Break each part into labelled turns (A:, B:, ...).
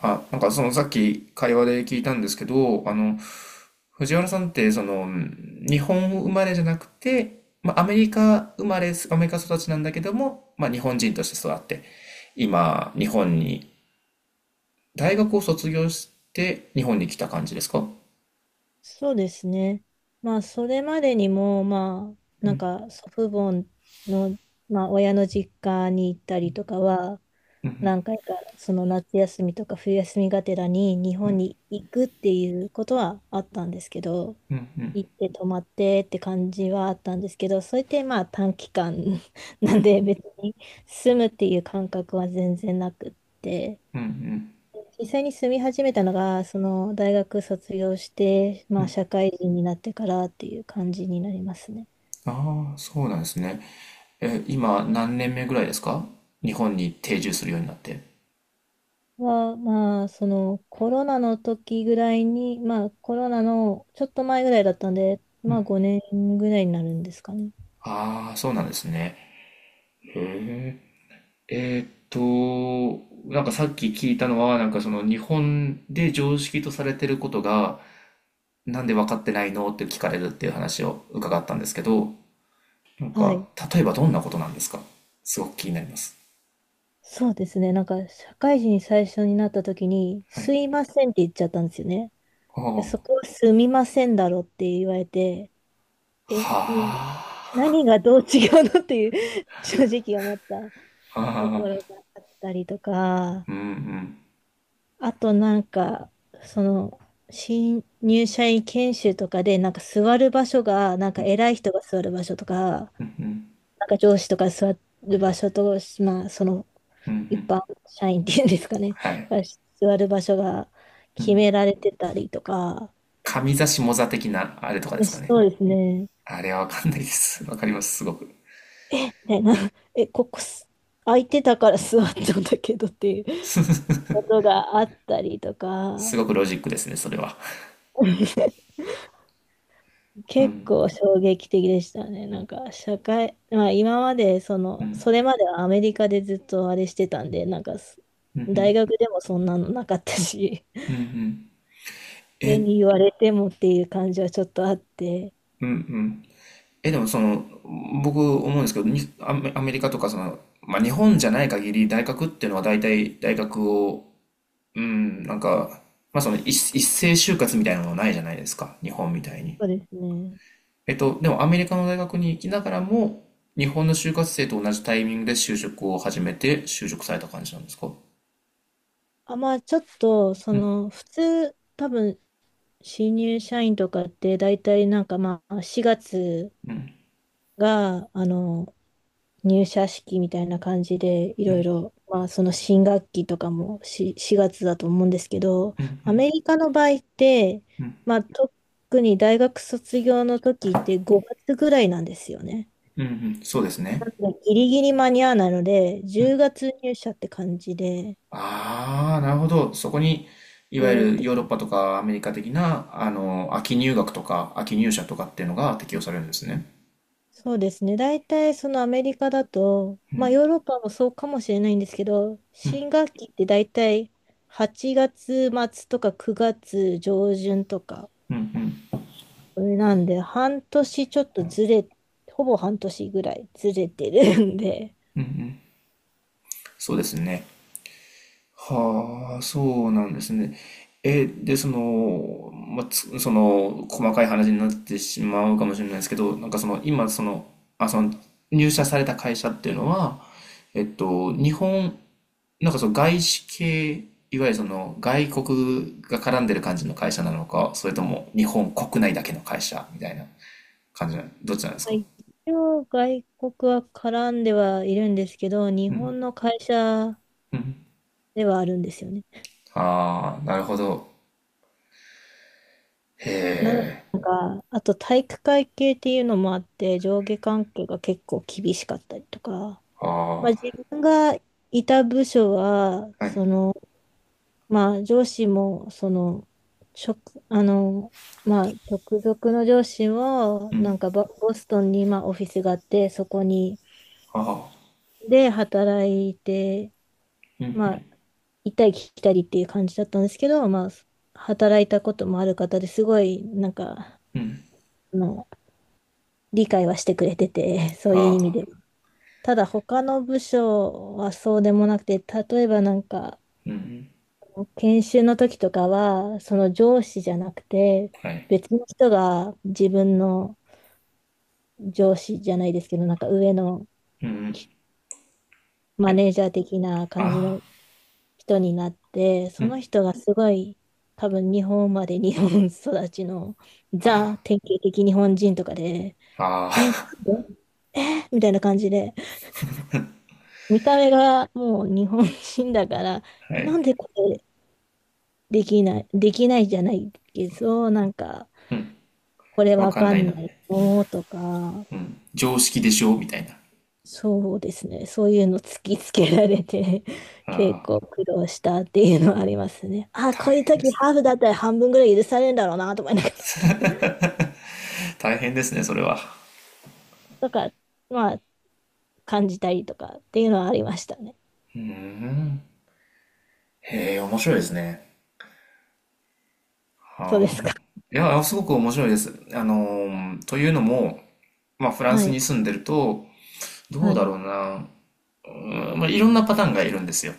A: あ、なんかそのさっき会話で聞いたんですけど、あの、藤原さんってその、うん日本生まれじゃなくて、まあ、アメリカ生まれ、アメリカ育ちなんだけども、まあ、日本人として育って、今、日本に、大学を卒業して日本に来た感じですか？
B: そうですね。まあ、それまでにも、まあ、なんか祖父母の、まあ、親の実家に行ったりとかは、何回かその夏休みとか冬休みがてらに日本に行くっていうことはあったんですけど、行って泊まってって感じはあったんですけど、それってまあ短期間
A: う
B: なん
A: ん。
B: で別に住むっていう感覚は全然なくって。実際に住み始めたのが、その大学卒業して、まあ社会人になってからっていう感じになりますね。
A: ああ、そうなんですね。え、今何年目ぐらいですか？日本に定住するようになって。
B: は、まあそのコロナの時ぐらいに、まあコロナのちょっと前ぐらいだったんで、
A: う
B: まあ
A: ん。
B: 5年ぐらいになるんですかね。
A: ああ、そうなんですね。へえ。えーっと、なんかさっき聞いたのは、なんかその日本で常識とされてることが、なんで分かってないのって聞かれるっていう話を伺ったんですけど、なん
B: は
A: か、
B: い。
A: 例えばどんなことなんですか？すごく気になります。
B: そうですね。なんか社会人最初になった時に、
A: は
B: す
A: い。
B: いませんって言っちゃったんですよね。
A: あ
B: いや、そ
A: あ、
B: こはすみませんだろって言われて、え、うん、
A: は
B: 何がどう違うのっていう 正直思った。
A: あ、
B: と
A: は
B: こ
A: あ、
B: ろがあったりとか、
A: うんうん、
B: あとなんか、その、新入社員研修とかで、なんか座る場所が、なんか偉い人が座る場所とか、
A: うん、
B: なんか上司とか座る場所と、まあ、その
A: うん、う
B: 一
A: ん、
B: 般社員っていうんですかね、
A: はい。
B: が座る場所が
A: う
B: 決
A: ん。
B: められてたりとか、
A: 上座下座的なあれとかで
B: で
A: すかね。
B: そうですね。
A: あれはわかんないです。わかります、すごく。
B: ね、な、え、ここす空いてたから座ったんだけどっていう ことがあったりと
A: すご
B: か、
A: くロジックですね、それは。う
B: 結
A: ん。
B: 構衝撃的でしたね。なんか社会、まあ今までその、それまではアメリカでずっとあれしてたんで、なんかす
A: うんう
B: 大
A: ん
B: 学でもそんなのなかったし、
A: うんうん。
B: 急
A: え
B: に言われてもっていう感じはちょっとあって、
A: うんうん。え、でもその、僕思うんですけど、にアメ、アメリカとかその、まあ日本じゃない限り大学っていうのは大体大学を、うん、なんか、まあその一斉就活みたいなのがないじゃないですか。日本みたいに。
B: そうですね。
A: えっと、でもアメリカの大学に行きながらも、日本の就活生と同じタイミングで就職を始めて就職された感じなんですか？
B: あ、まあちょっと、その、普通、多分、新入社員とかって大体なんかまあ4月が、あの、入社式みたいな感じで、いろいろ、まあ、その新学期とかもし4月だと思うんですけど、アメリカの場合って、まあ、特に大学卒業の時って5月ぐらいなんですよね。
A: うんうん、そうです
B: な
A: ね。
B: ので、ギリギリ間に合わないので、10月入社って感じで、
A: ああ、なるほど。そこに、いわ
B: で、
A: ゆるヨーロ
B: っ
A: ッ
B: て
A: パとかアメリカ的な、あの、秋入学とか秋入社とかっていうのが適用されるんですね。
B: そうですね。大体そのアメリカだと、まあヨーロッパもそうかもしれないんですけど、新学期って大体8月末とか9月上旬とか、なんで、半年ちょっとずれ、ほぼ半年ぐらいずれてるんで、
A: そうですね。はあ、そうなんですね。え、で、その、まあ、つその、細かい話になってしまうかもしれないですけど、なんかその、今、その、あ、その、入社された会社っていうのは、えっと、日本なんかその外資系、いわゆるその外国が絡んでる感じの会社なのか、それとも日本国内だけの会社みたいな感じなの、どっち なんです
B: まあ
A: か？
B: 一応外国は絡んではいるんですけど、日本の会社ではあるんですよね。
A: ああー、なるほど。
B: なので、なんか、あと体育会系っていうのもあって、上下関係が結構厳しかったりとか、まあ
A: あ
B: 自分がいた部署は、
A: あ、は
B: そ
A: い。
B: の、まあ、上司も、その、直、あの、まあ、直属の上司も、ボストンに、まあ、オフィスがあって、そこに、
A: あ
B: で、働いて、まあ、行ったり来たりっていう感じだったんですけど、まあ、働いたこともある方ですごい、なんか、あの、理解はしてくれてて、そ
A: あ、
B: ういう意味
A: あ
B: で。ただ、他の部署はそうでもなくて、例えばなんか、研修の時とかは、その上司じゃなくて、
A: あ、はい。
B: 別の人が自分の上司じゃないですけど、なんか上のマネージャー的な感じの
A: あ
B: 人になって、その人がすごい、多分日本まで日本育ちのザ典型的日本人とかで、
A: あ、
B: え、な
A: あ
B: んでみたいな感じで、見た目がもう日本人だから、
A: あ、は
B: え、なん
A: い。
B: でこれできない、できないじゃないけど、なんか、これ
A: わ
B: わ
A: かん
B: か
A: ない
B: ん
A: な。
B: ないのとか、
A: 常識でしょみたいな。
B: そうですね。そういうの突きつけられて、
A: あ
B: 結
A: あ、
B: 構苦労したっていうのはありますね。あ、
A: 大
B: こういう
A: 変で
B: 時
A: す
B: ハー
A: ね。
B: フだったら半分ぐらい許されるんだろうなと思いながら、
A: 大変ですね、それは。
B: とか、まあ、感じたりとかっていうのはありましたね。
A: うーん。へえ、面白いですね。
B: そうで
A: は
B: すか。
A: あ。いや、すごく面白いです。というのも、まあ、フラン
B: は
A: ス
B: い。
A: に住んでると、ど
B: は
A: うだ
B: い。
A: ろうな。うん、まあ、いろんなパターンがいるんですよ。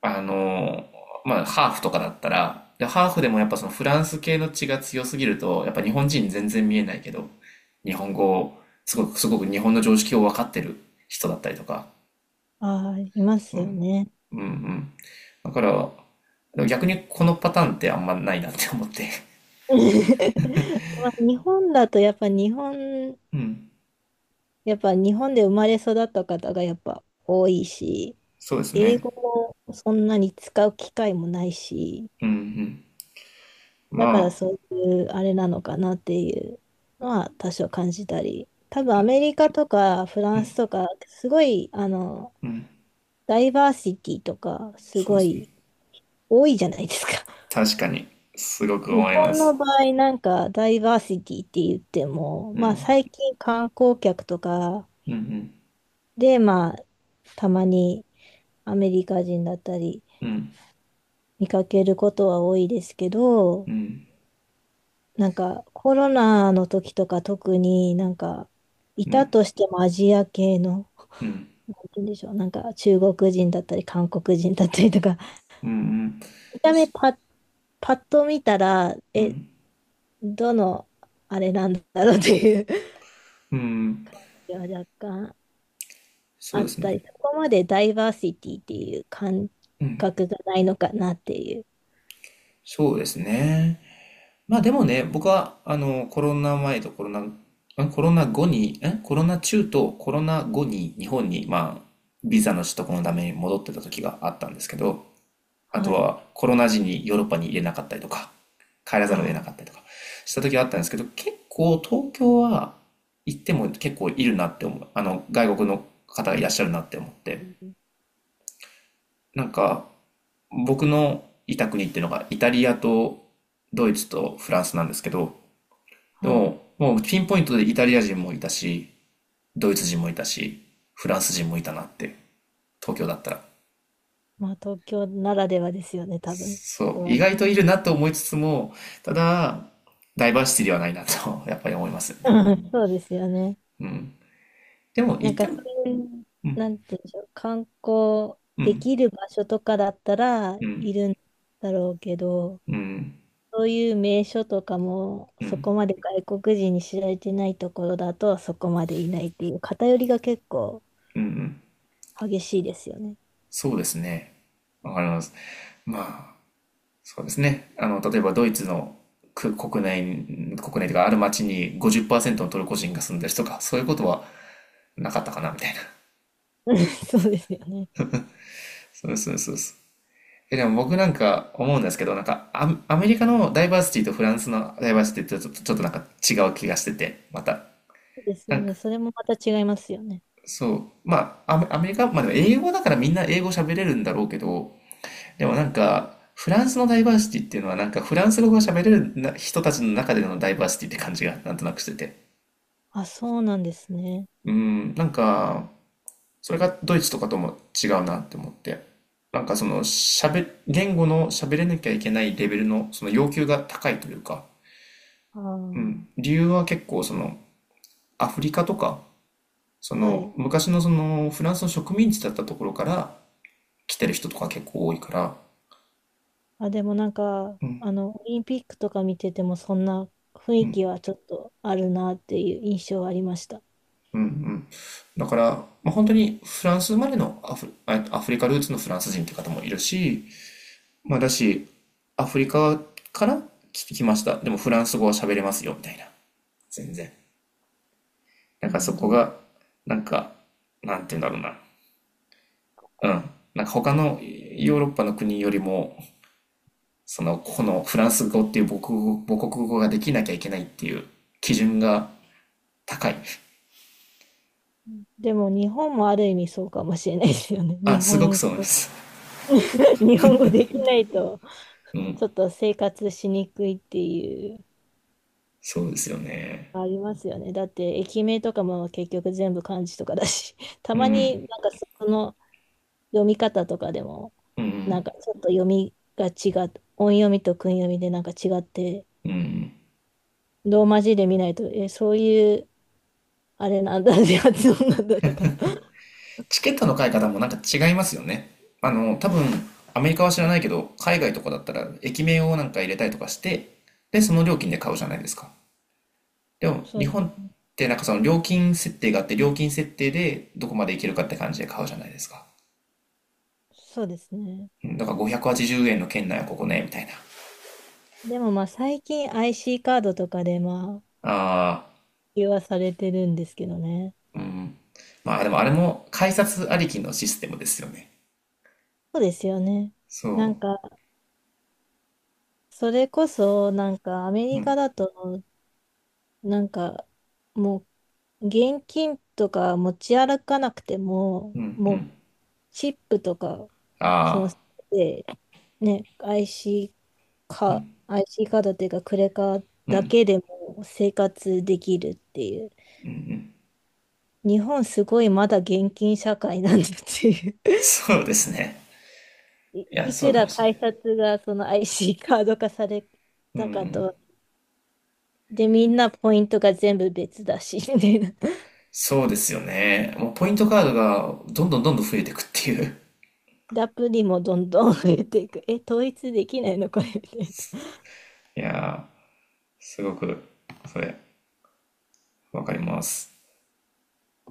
A: あの、まあ、ハーフとかだったら、でハーフでもやっぱそのフランス系の血が強すぎると、やっぱ日本人全然見えないけど、日本語を、すごく、すごく日本の常識を分かってる人だったりとか。
B: ああ、いますよね。
A: うんうん。だから、逆にこのパターンってあんまないなって思って。
B: まあ、日本だとやっぱ日本、
A: うん。
B: やっぱ日本で生まれ育った方がやっぱ多いし、
A: そうです
B: 英語
A: ね。
B: もそんなに使う機会もないし、
A: うんうん。
B: だ
A: ま
B: から
A: あ、
B: そういうあれなのかなっていうのは多少感じたり、多分アメリカとかフランスとか、すごい、あの、ダイバーシティとか、す
A: そう
B: ご
A: です
B: い
A: ね。
B: 多いじゃないですか。
A: 確かに、すごく
B: 日
A: 思いま
B: 本の
A: す。
B: 場合、なんかダイバーシティって言っても、
A: う
B: まあ
A: ん。
B: 最近観光客とか
A: うんうん。
B: で、まあたまにアメリカ人だったり
A: うん。
B: 見かけることは多いですけど、なんかコロナの時とか特になんかい
A: う
B: た
A: ん、
B: としてもアジア系の、
A: うん、
B: なんて言うんでしょう、なんか中国人だったり韓国人だったりとか、
A: うん、
B: 見た目パッ、パッと見たら、え、どのあれなんだろうっていう感
A: うん、うん、
B: じは若干
A: そ
B: あ
A: うで
B: っ
A: す
B: たり、
A: ね。
B: そこまでダイバーシティっていう感覚がないのかなっていう。
A: そうですね。まあでもね、僕は、あの、コロナ前とコロナ、んコロナ後に、んコロナ中とコロナ後に日本に、まあ、ビザの取得のために戻ってた時があったんですけど、あと
B: はい。
A: はコロナ時にヨーロッパに入れなかったりとか、帰ら
B: あ
A: ざるを得な
B: あ、
A: かったりとかした時があったんですけど、結構東京は行っても結構いるなって思う。あの、外国の方がいらっしゃるなって思って。なんか、僕のいた国っていうのがイタリアとドイツとフランスなんですけど、で
B: はい。
A: も、もうピンポイントでイタリア人もいたし、ドイツ人もいたし、フランス人もいたなって、東京だったら。
B: まあ東京ならではですよね、多分。
A: そう、
B: う
A: 意
B: ん
A: 外といるなと思いつつも、ただ、ダイバーシティではないなと やっぱり思いますよね。
B: そうですよね。
A: うん。でも、
B: な
A: 言
B: ん
A: っ
B: か、
A: て
B: そ
A: も、
B: ういう、
A: うん、
B: なんていうんでしょう、観光
A: う
B: で
A: ん、
B: きる場所とかだったら
A: うん、
B: いるんだろうけど、
A: うん、
B: そういう名所とかも、
A: う
B: そ
A: ん、
B: こまで外国人に知られてないところだと、そこまでいないっていう、偏りが結構
A: うん、うん。
B: 激しいですよね。
A: そうですね。わかります。まあそうですね。あの、例えばドイツのく国内、国内というかある町に50%のトルコ人が住んでるとか、そういうことはなかったかな、みたいな。
B: そうですよね。
A: そうそうそうそう。え、でも僕なんか思うんですけど、なんかアメリカのダイバーシティとフランスのダイバーシティってちょっと、ちょっとなんか違う気がしてて、また。
B: そうです
A: な
B: よ
A: んか、
B: ね。それもまた違いますよね。
A: そう。まあ、アメリカ、まあでも英語だからみんな英語喋れるんだろうけど、でもなんか、フランスのダイバーシティっていうのはなんかフランス語が喋れるな人たちの中でのダイバーシティって感じがなんとなくしてて。
B: あ、そうなんですね。
A: うん、なんか、それがドイツとかとも違うなって思って。なんかその、言語の喋れなきゃいけないレベルのその要求が高いというか、
B: あ
A: うん、
B: あ。
A: 理由は結構その、アフリカとか、そ
B: は
A: の、
B: い。
A: 昔のその、フランスの植民地だったところから来てる人とか結構多いから、
B: あ、でもなんか、あの、オリンピックとか見てても、そんな雰囲気はちょっとあるなっていう印象はありました。
A: うんうん。だから、まあ、本当にフランス生まれのアフリカルーツのフランス人って方もいるし、まあだし、アフリカから来てきました。でもフランス語は喋れますよ、みたいな。全然。なん
B: な
A: から
B: る
A: そ
B: ほ
A: こ
B: ど。
A: が、なんか、なんて言うんだろうな。うん。なんか他のヨーロッパの国よりも、その、このフランス語っていう母国語ができなきゃいけないっていう基準が高い。
B: うんでも、日本もある意味そうかもしれないですよね。
A: あ、
B: 日
A: すごく
B: 本
A: そうなんで
B: 語、
A: す。
B: 日本語できないと、
A: うん。
B: ちょっと生活しにくいっていう、
A: そうですよね。
B: ありますよね。だって、駅名とかも結局全部漢字とかだし、た
A: う
B: まに
A: ん。
B: なんかその読み方とかでも、なんかちょっと読みが違う、音読みと訓読みでなんか違って、ローマ字で見ないと、え、そういう、あれなんだ、発音なんだとか。
A: チケットの買い方もなんか違いますよね。あの、多分、アメリカは知らない けど、海外とかだったら、駅名をなんか入れたりとかして、で、その料金で買うじゃないですか。でも、
B: そ
A: 日
B: う、
A: 本ってなんかその料金設定があって、料金設定でどこまでいけるかって感じで買うじゃないですか。
B: そうですね。
A: うん。だから580円の圏内はここね、みたいな。
B: でもまあ最近 IC カードとかでまあ、
A: ああ、
B: 普及はされてるんですけどね。
A: まあでもあれも改札ありきのシステムですよね。
B: そうですよね。
A: そ
B: なんか、それこそ、なんかアメリカだと、なんか、もう、現金とか持ち歩かなくても、
A: う。う
B: も
A: ん。
B: う、チップとか、その、
A: あ
B: でね、IC か、アイシーカードっていうか、クレカ
A: あ、う
B: だ
A: ん。
B: けでも生活できるっていう。日本すごいまだ現金社会なんだっていう。
A: そうですね。
B: い、
A: いや、
B: い
A: そ
B: く
A: うか
B: ら
A: もしれな
B: 改
A: い。
B: 札がその IC カード化され
A: う
B: たか
A: ん。
B: と。で、みんなポイントが全部別だし、みたいな。
A: そうですよね。もうポイントカードがどんどんどんどん増えていくっていう。
B: でアプリもどんどん増えていく。え、統一できないのこれみたいな。
A: いやー、すごく、それ、わかります。